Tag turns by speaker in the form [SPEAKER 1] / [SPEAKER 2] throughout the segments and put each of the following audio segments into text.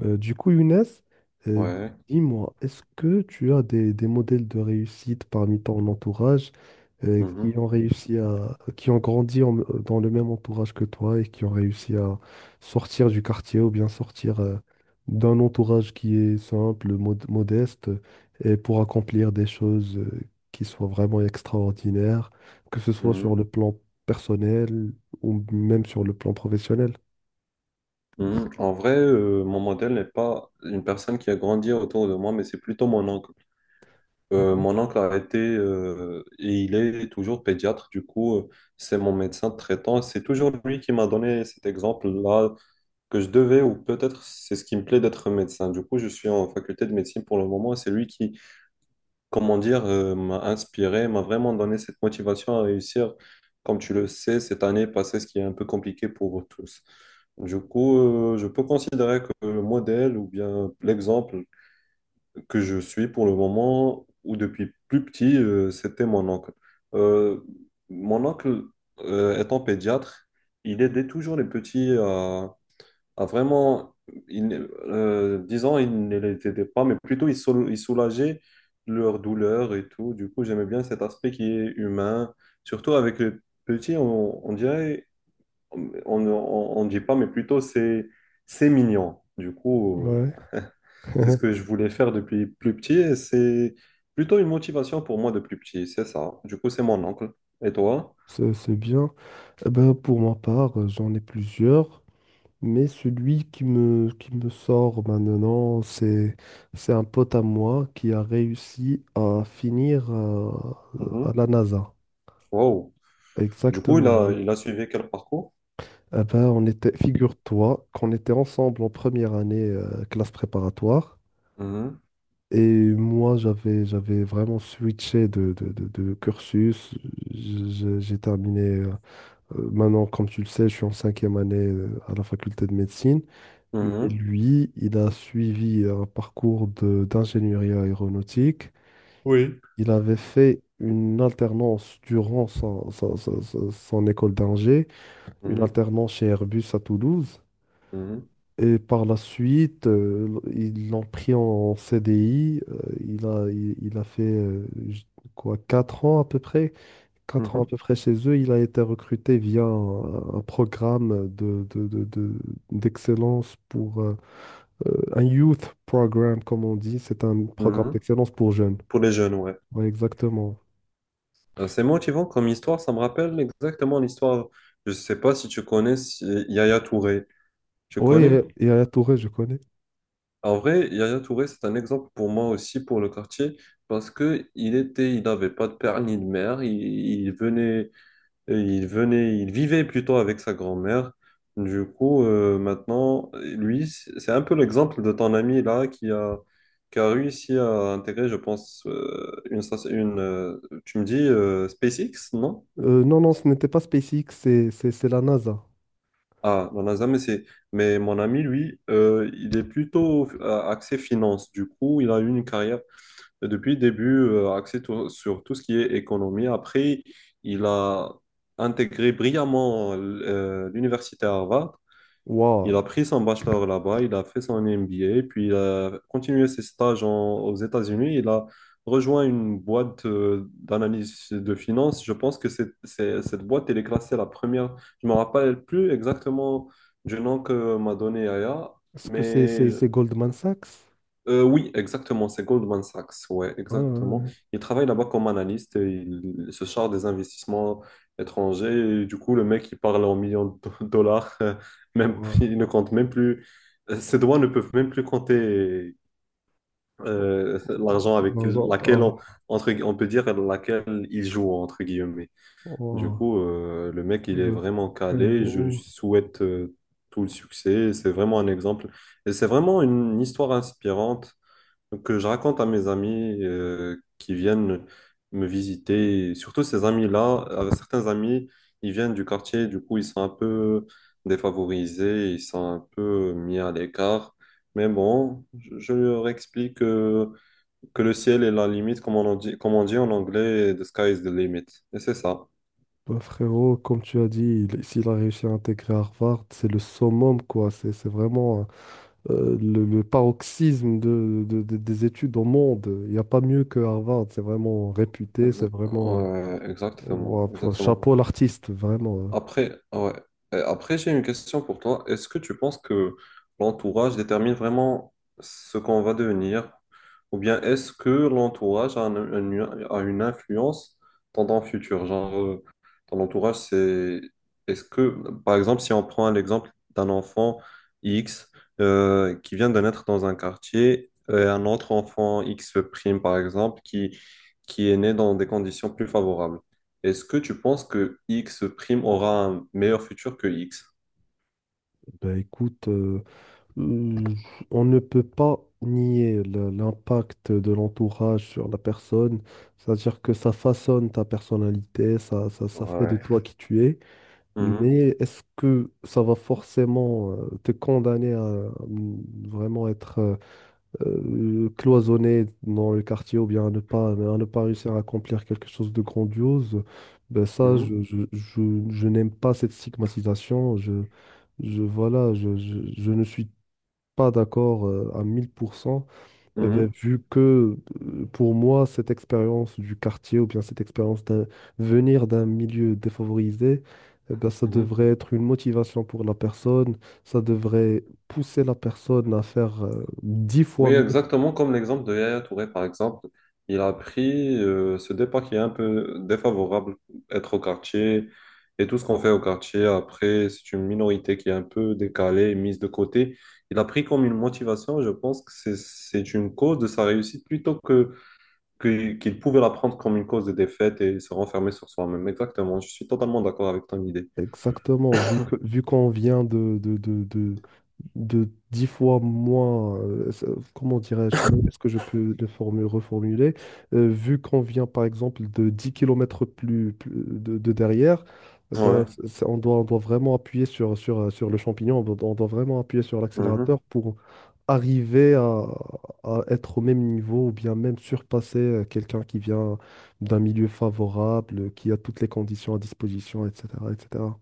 [SPEAKER 1] Du coup, Younes, euh,
[SPEAKER 2] Ouais.
[SPEAKER 1] dis-moi, est-ce que tu as des modèles de réussite parmi ton entourage, qui
[SPEAKER 2] Mhm.
[SPEAKER 1] ont réussi à, qui ont grandi en- dans le même entourage que toi et qui ont réussi à sortir du quartier ou bien sortir d'un entourage qui est simple, modeste, et pour accomplir des choses qui soient vraiment extraordinaires, que ce soit sur
[SPEAKER 2] Mhm.
[SPEAKER 1] le plan personnel ou même sur le plan professionnel?
[SPEAKER 2] Mhm. En vrai, mon modèle n'est pas une personne qui a grandi autour de moi, mais c'est plutôt mon oncle.
[SPEAKER 1] Ouais.
[SPEAKER 2] Mon oncle a été et il est toujours pédiatre, du coup, c'est mon médecin traitant. C'est toujours lui qui m'a donné cet exemple-là que je devais, ou peut-être c'est ce qui me plaît d'être médecin. Du coup, je suis en faculté de médecine pour le moment. C'est lui qui, comment dire, m'a inspiré, m'a vraiment donné cette motivation à réussir. Comme tu le sais, cette année passée, ce qui est un peu compliqué pour tous. Du coup, je peux considérer que le modèle ou bien l'exemple que je suis pour le moment ou depuis plus petit, c'était mon oncle. Euh, Mon oncle, étant pédiatre, il aidait toujours les petits à ah, vraiment, il, ne- disons, ils ne les aidaient pas, mais plutôt ils soulageaient leur douleur et tout. Du coup, j'aimais bien cet aspect qui est humain. Surtout avec les petits, on dirait, on ne dit pas, mais plutôt c'est mignon. Du coup,
[SPEAKER 1] Ouais.
[SPEAKER 2] c'est ce que je voulais faire depuis plus petit et c'est plutôt une motivation pour moi depuis petit, c'est ça. Du coup, c'est mon oncle. Et toi?
[SPEAKER 1] C'est bien. Eh ben, pour ma part, j'en ai plusieurs, mais celui qui me sort maintenant, c'est un pote à moi qui a réussi à finir, à
[SPEAKER 2] Mhm.
[SPEAKER 1] la NASA.
[SPEAKER 2] Wow. Du coup, il
[SPEAKER 1] Exactement.
[SPEAKER 2] a,
[SPEAKER 1] Oui.
[SPEAKER 2] il a suivi quel parcours?
[SPEAKER 1] Eh ben, on était, figure-toi qu'on était ensemble en première année, classe préparatoire.
[SPEAKER 2] Mhm.
[SPEAKER 1] Et moi, j'avais vraiment switché de cursus. J'ai terminé. Maintenant, comme tu le sais, je suis en cinquième année, à la faculté de médecine. Mais
[SPEAKER 2] Mhm.
[SPEAKER 1] lui, il a suivi un parcours d'ingénierie aéronautique.
[SPEAKER 2] Oui.
[SPEAKER 1] Il avait fait une alternance durant son école d'ingé, une
[SPEAKER 2] Mhm,
[SPEAKER 1] alternance chez Airbus à Toulouse.
[SPEAKER 2] mhm,
[SPEAKER 1] Et par la suite, ils l'ont pris en CDI. Il a fait quoi, 4 ans à peu près 4 ans à
[SPEAKER 2] mhm,
[SPEAKER 1] peu près chez eux. Il a été recruté via un programme d'excellence pour un youth program, comme on dit. C'est un programme
[SPEAKER 2] mhm.
[SPEAKER 1] d'excellence pour jeunes.
[SPEAKER 2] Pour les jeunes, ouais.
[SPEAKER 1] Oui, exactement.
[SPEAKER 2] C'est motivant comme histoire, ça me rappelle exactement l'histoire. Je ne sais pas si tu connais Yaya Touré. Tu
[SPEAKER 1] Oui,
[SPEAKER 2] connais?
[SPEAKER 1] et, à Touré, je connais.
[SPEAKER 2] En vrai, Yaya Touré, c'est un exemple pour moi aussi pour le quartier parce que il était, il n'avait pas de père ni de mère. Il venait, et il venait, il vivait plutôt avec sa grand-mère. Du coup, maintenant, lui, c'est un peu l'exemple de ton ami là qui a réussi à intégrer, je pense, une tu me dis SpaceX, non?
[SPEAKER 1] Non, non, ce n'était pas SpaceX, c'est la NASA.
[SPEAKER 2] Ah, la NASA, mais c'est, mais mon ami, lui, il est plutôt axé finance. Du coup, il a eu une carrière depuis le début axée sur tout ce qui est économie. Après, il a intégré brillamment l'université Harvard. Il
[SPEAKER 1] Waouh.
[SPEAKER 2] a pris son bachelor là-bas, il a fait son MBA, puis il a continué ses stages aux États-Unis. Il a rejoint une boîte d'analyse de finances. Je pense que cette boîte, elle est classée la première. Je ne me rappelle plus exactement du nom que m'a donné Aya,
[SPEAKER 1] Est-ce que
[SPEAKER 2] mais
[SPEAKER 1] c'est Goldman Sachs?
[SPEAKER 2] oui, exactement, c'est Goldman Sachs, ouais,
[SPEAKER 1] Ah,
[SPEAKER 2] exactement.
[SPEAKER 1] ouais,
[SPEAKER 2] Il travaille là-bas comme analyste et il se charge des investissements étrangers. Et du coup, le mec, il parle en millions de dollars,
[SPEAKER 1] ouais.
[SPEAKER 2] même,
[SPEAKER 1] Waouh.
[SPEAKER 2] il ne compte même plus, ses doigts ne peuvent même plus compter l'argent avec
[SPEAKER 1] Dans un-
[SPEAKER 2] laquelle on,
[SPEAKER 1] ah,
[SPEAKER 2] entre, on peut dire laquelle il joue, entre guillemets. Du
[SPEAKER 1] waouh.
[SPEAKER 2] coup, le mec, il est
[SPEAKER 1] Le
[SPEAKER 2] vraiment calé. Je lui
[SPEAKER 1] frérot.
[SPEAKER 2] souhaite tout le succès. C'est vraiment un exemple. Et c'est vraiment une histoire inspirante. Donc, je raconte à mes amis qui viennent me visiter, et surtout ces amis-là, certains amis, ils viennent du quartier, du coup, ils sont un peu défavorisés, ils sont un peu mis à l'écart. Mais bon, je leur explique que le ciel est la limite, comme on, en dit, comme on dit en anglais, the sky is the limit. Et c'est ça.
[SPEAKER 1] Bah, frérot, comme tu as dit, s'il a réussi à intégrer Harvard, c'est le summum, quoi. C'est vraiment, le paroxysme des études au monde. Il n'y a pas mieux que Harvard. C'est vraiment réputé,
[SPEAKER 2] Ex-
[SPEAKER 1] c'est vraiment,
[SPEAKER 2] ouais, exactement,
[SPEAKER 1] ouah,
[SPEAKER 2] exactement.
[SPEAKER 1] chapeau à l'artiste, vraiment. Hein.
[SPEAKER 2] Après, ah ouais. Après, j'ai une question pour toi. Est-ce que tu penses que l'entourage détermine vraiment ce qu'on va devenir? Ou bien est-ce que l'entourage a une influence dans ton futur? Genre, ton entourage, c'est... Est-ce que, par exemple, si on prend l'exemple d'un enfant X qui vient de naître dans un quartier, et un autre enfant X prime, par exemple, qui est né dans des conditions plus favorables. Est-ce que tu penses que X prime aura un meilleur futur que X?
[SPEAKER 1] Bah, écoute, euh, on ne peut pas nier l'impact de l'entourage sur la personne. C'est-à-dire que ça façonne ta personnalité, ça fait de
[SPEAKER 2] Ouais.
[SPEAKER 1] toi qui tu es.
[SPEAKER 2] Mhm,
[SPEAKER 1] Mais est-ce que ça va forcément te condamner à vraiment être, cloisonné dans le quartier ou bien à ne pas réussir à accomplir quelque chose de grandiose? Ben ça,
[SPEAKER 2] mhm,
[SPEAKER 1] je n'aime pas cette stigmatisation. Voilà, je ne suis pas d'accord, à 1000%. Eh ben,
[SPEAKER 2] mhm,
[SPEAKER 1] vu que, pour moi, cette expérience du quartier ou bien cette expérience d'un venir d'un milieu défavorisé, eh ben, ça
[SPEAKER 2] mhm.
[SPEAKER 1] devrait être une motivation pour la personne, ça devrait pousser la personne à faire dix
[SPEAKER 2] Oui,
[SPEAKER 1] fois mieux.
[SPEAKER 2] exactement comme l'exemple de Yaya Touré, par exemple. Il a pris ce départ qui est un peu défavorable, être au quartier et tout ce qu'on fait au quartier. Après, c'est une minorité qui est un peu décalée et mise de côté. Il a pris comme une motivation. Je pense que c'est une cause de sa réussite plutôt que qu'il pouvait la prendre comme une cause de défaite et se renfermer sur soi-même. Exactement, je suis totalement d'accord avec ton idée.
[SPEAKER 1] Exactement, vu qu'on vient de 10 fois moins. Comment dirais-je, comment est-ce que je peux reformuler? Vu qu'on vient par exemple de 10 kilomètres plus, de derrière,
[SPEAKER 2] Ouais,
[SPEAKER 1] ben, on doit, vraiment appuyer sur le champignon. On doit vraiment appuyer sur
[SPEAKER 2] mhm.
[SPEAKER 1] l'accélérateur pour arriver à être au même niveau ou bien même surpasser, quelqu'un qui vient d'un milieu favorable, qui a toutes les conditions à disposition, etc., etc.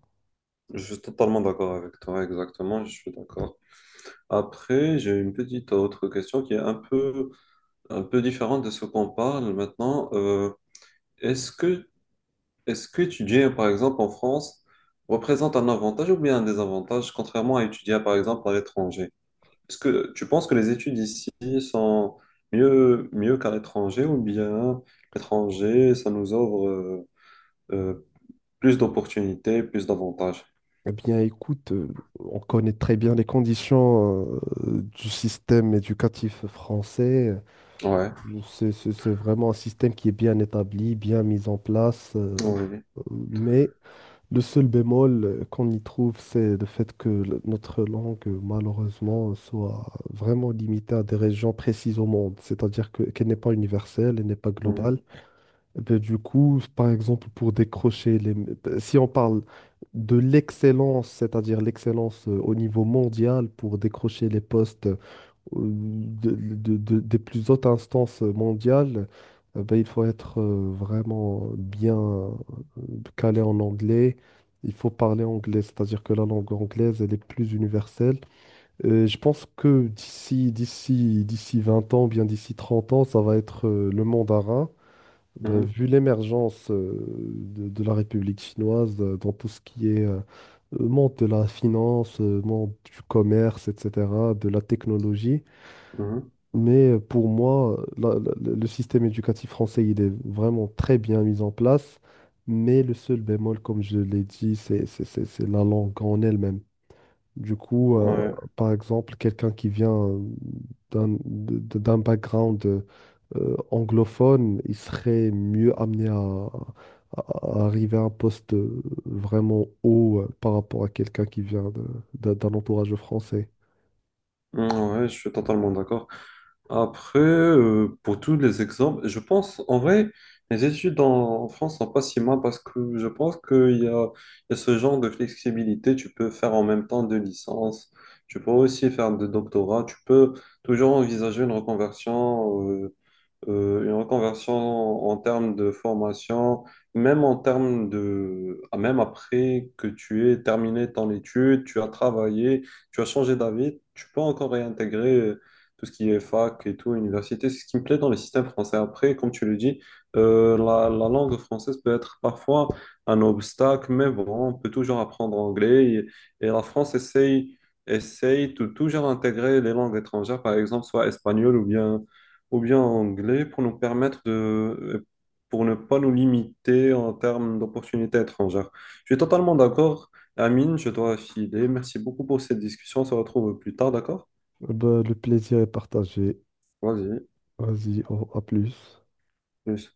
[SPEAKER 2] Je suis totalement d'accord avec toi, exactement, je suis d'accord. Après, j'ai une petite autre question qui est un peu différente de ce qu'on parle maintenant. Est-ce que, est-ce que étudier par exemple, en France, représente un avantage ou bien un désavantage, contrairement à étudier, par exemple, à l'étranger? Est-ce que tu penses que les études ici sont mieux, mieux qu'à l'étranger ou bien l'étranger, ça nous offre euh, plus d'opportunités, plus d'avantages?
[SPEAKER 1] Eh bien, écoute, on connaît très bien les conditions, du système éducatif français.
[SPEAKER 2] Ouais,
[SPEAKER 1] C'est vraiment un système qui est bien établi, bien mis en place.
[SPEAKER 2] oui,
[SPEAKER 1] Euh, mais le seul bémol, qu'on y trouve, c'est le fait que notre langue, malheureusement, soit vraiment limitée à des régions précises au monde. C'est-à-dire qu'elle n'est pas universelle, elle n'est pas
[SPEAKER 2] mhm,
[SPEAKER 1] globale. Eh ben, du coup, par exemple, si on parle de l'excellence, c'est-à-dire l'excellence, au niveau mondial, pour décrocher les postes, des plus hautes instances mondiales, eh ben, il faut être, vraiment bien, calé en anglais. Il faut parler anglais, c'est-à-dire que la langue anglaise, elle est plus universelle. Je pense que d'ici 20 ans, bien d'ici 30 ans, ça va être, le mandarin. Bah,
[SPEAKER 2] mhm,
[SPEAKER 1] vu l'émergence, de la République chinoise, dans tout ce qui est, monde de la finance, monde du commerce, etc., de la technologie.
[SPEAKER 2] mhm.
[SPEAKER 1] Mais, pour moi, le système éducatif français, il est vraiment très bien mis en place. Mais le seul bémol, comme je l'ai dit, c'est la langue en elle-même. Du coup,
[SPEAKER 2] Ouais,
[SPEAKER 1] par exemple, quelqu'un qui vient, d'un background, anglophone, il serait mieux amené à arriver à un poste, vraiment haut, par rapport à quelqu'un qui vient d'un entourage français.
[SPEAKER 2] mm, ouais, je suis totalement d'accord. Après, pour tous les exemples, je pense en vrai, les études en France sont pas si mal parce que je pense qu'il y a ce genre de flexibilité. Tu peux faire en même temps deux licences, tu peux aussi faire de doctorat, tu peux toujours envisager une reconversion en termes de formation, même en termes même après que tu aies terminé ton étude, tu as travaillé, tu as changé d'avis, tu peux encore réintégrer tout ce qui est fac et tout, université. C'est ce qui me plaît dans les systèmes français. Après, comme tu le dis, la langue française peut être parfois un obstacle, mais bon, on peut toujours apprendre anglais et la France essaye. Essaye de toujours intégrer les langues étrangères, par exemple, soit espagnol ou bien en anglais pour nous permettre de, pour ne pas nous limiter en termes d'opportunités étrangères. Je suis totalement d'accord. Amine, je dois filer. Merci beaucoup pour cette discussion. On se retrouve plus tard, d'accord?
[SPEAKER 1] Eh ben, le plaisir est partagé.
[SPEAKER 2] Vas-y.
[SPEAKER 1] Vas-y, à plus.
[SPEAKER 2] Plus.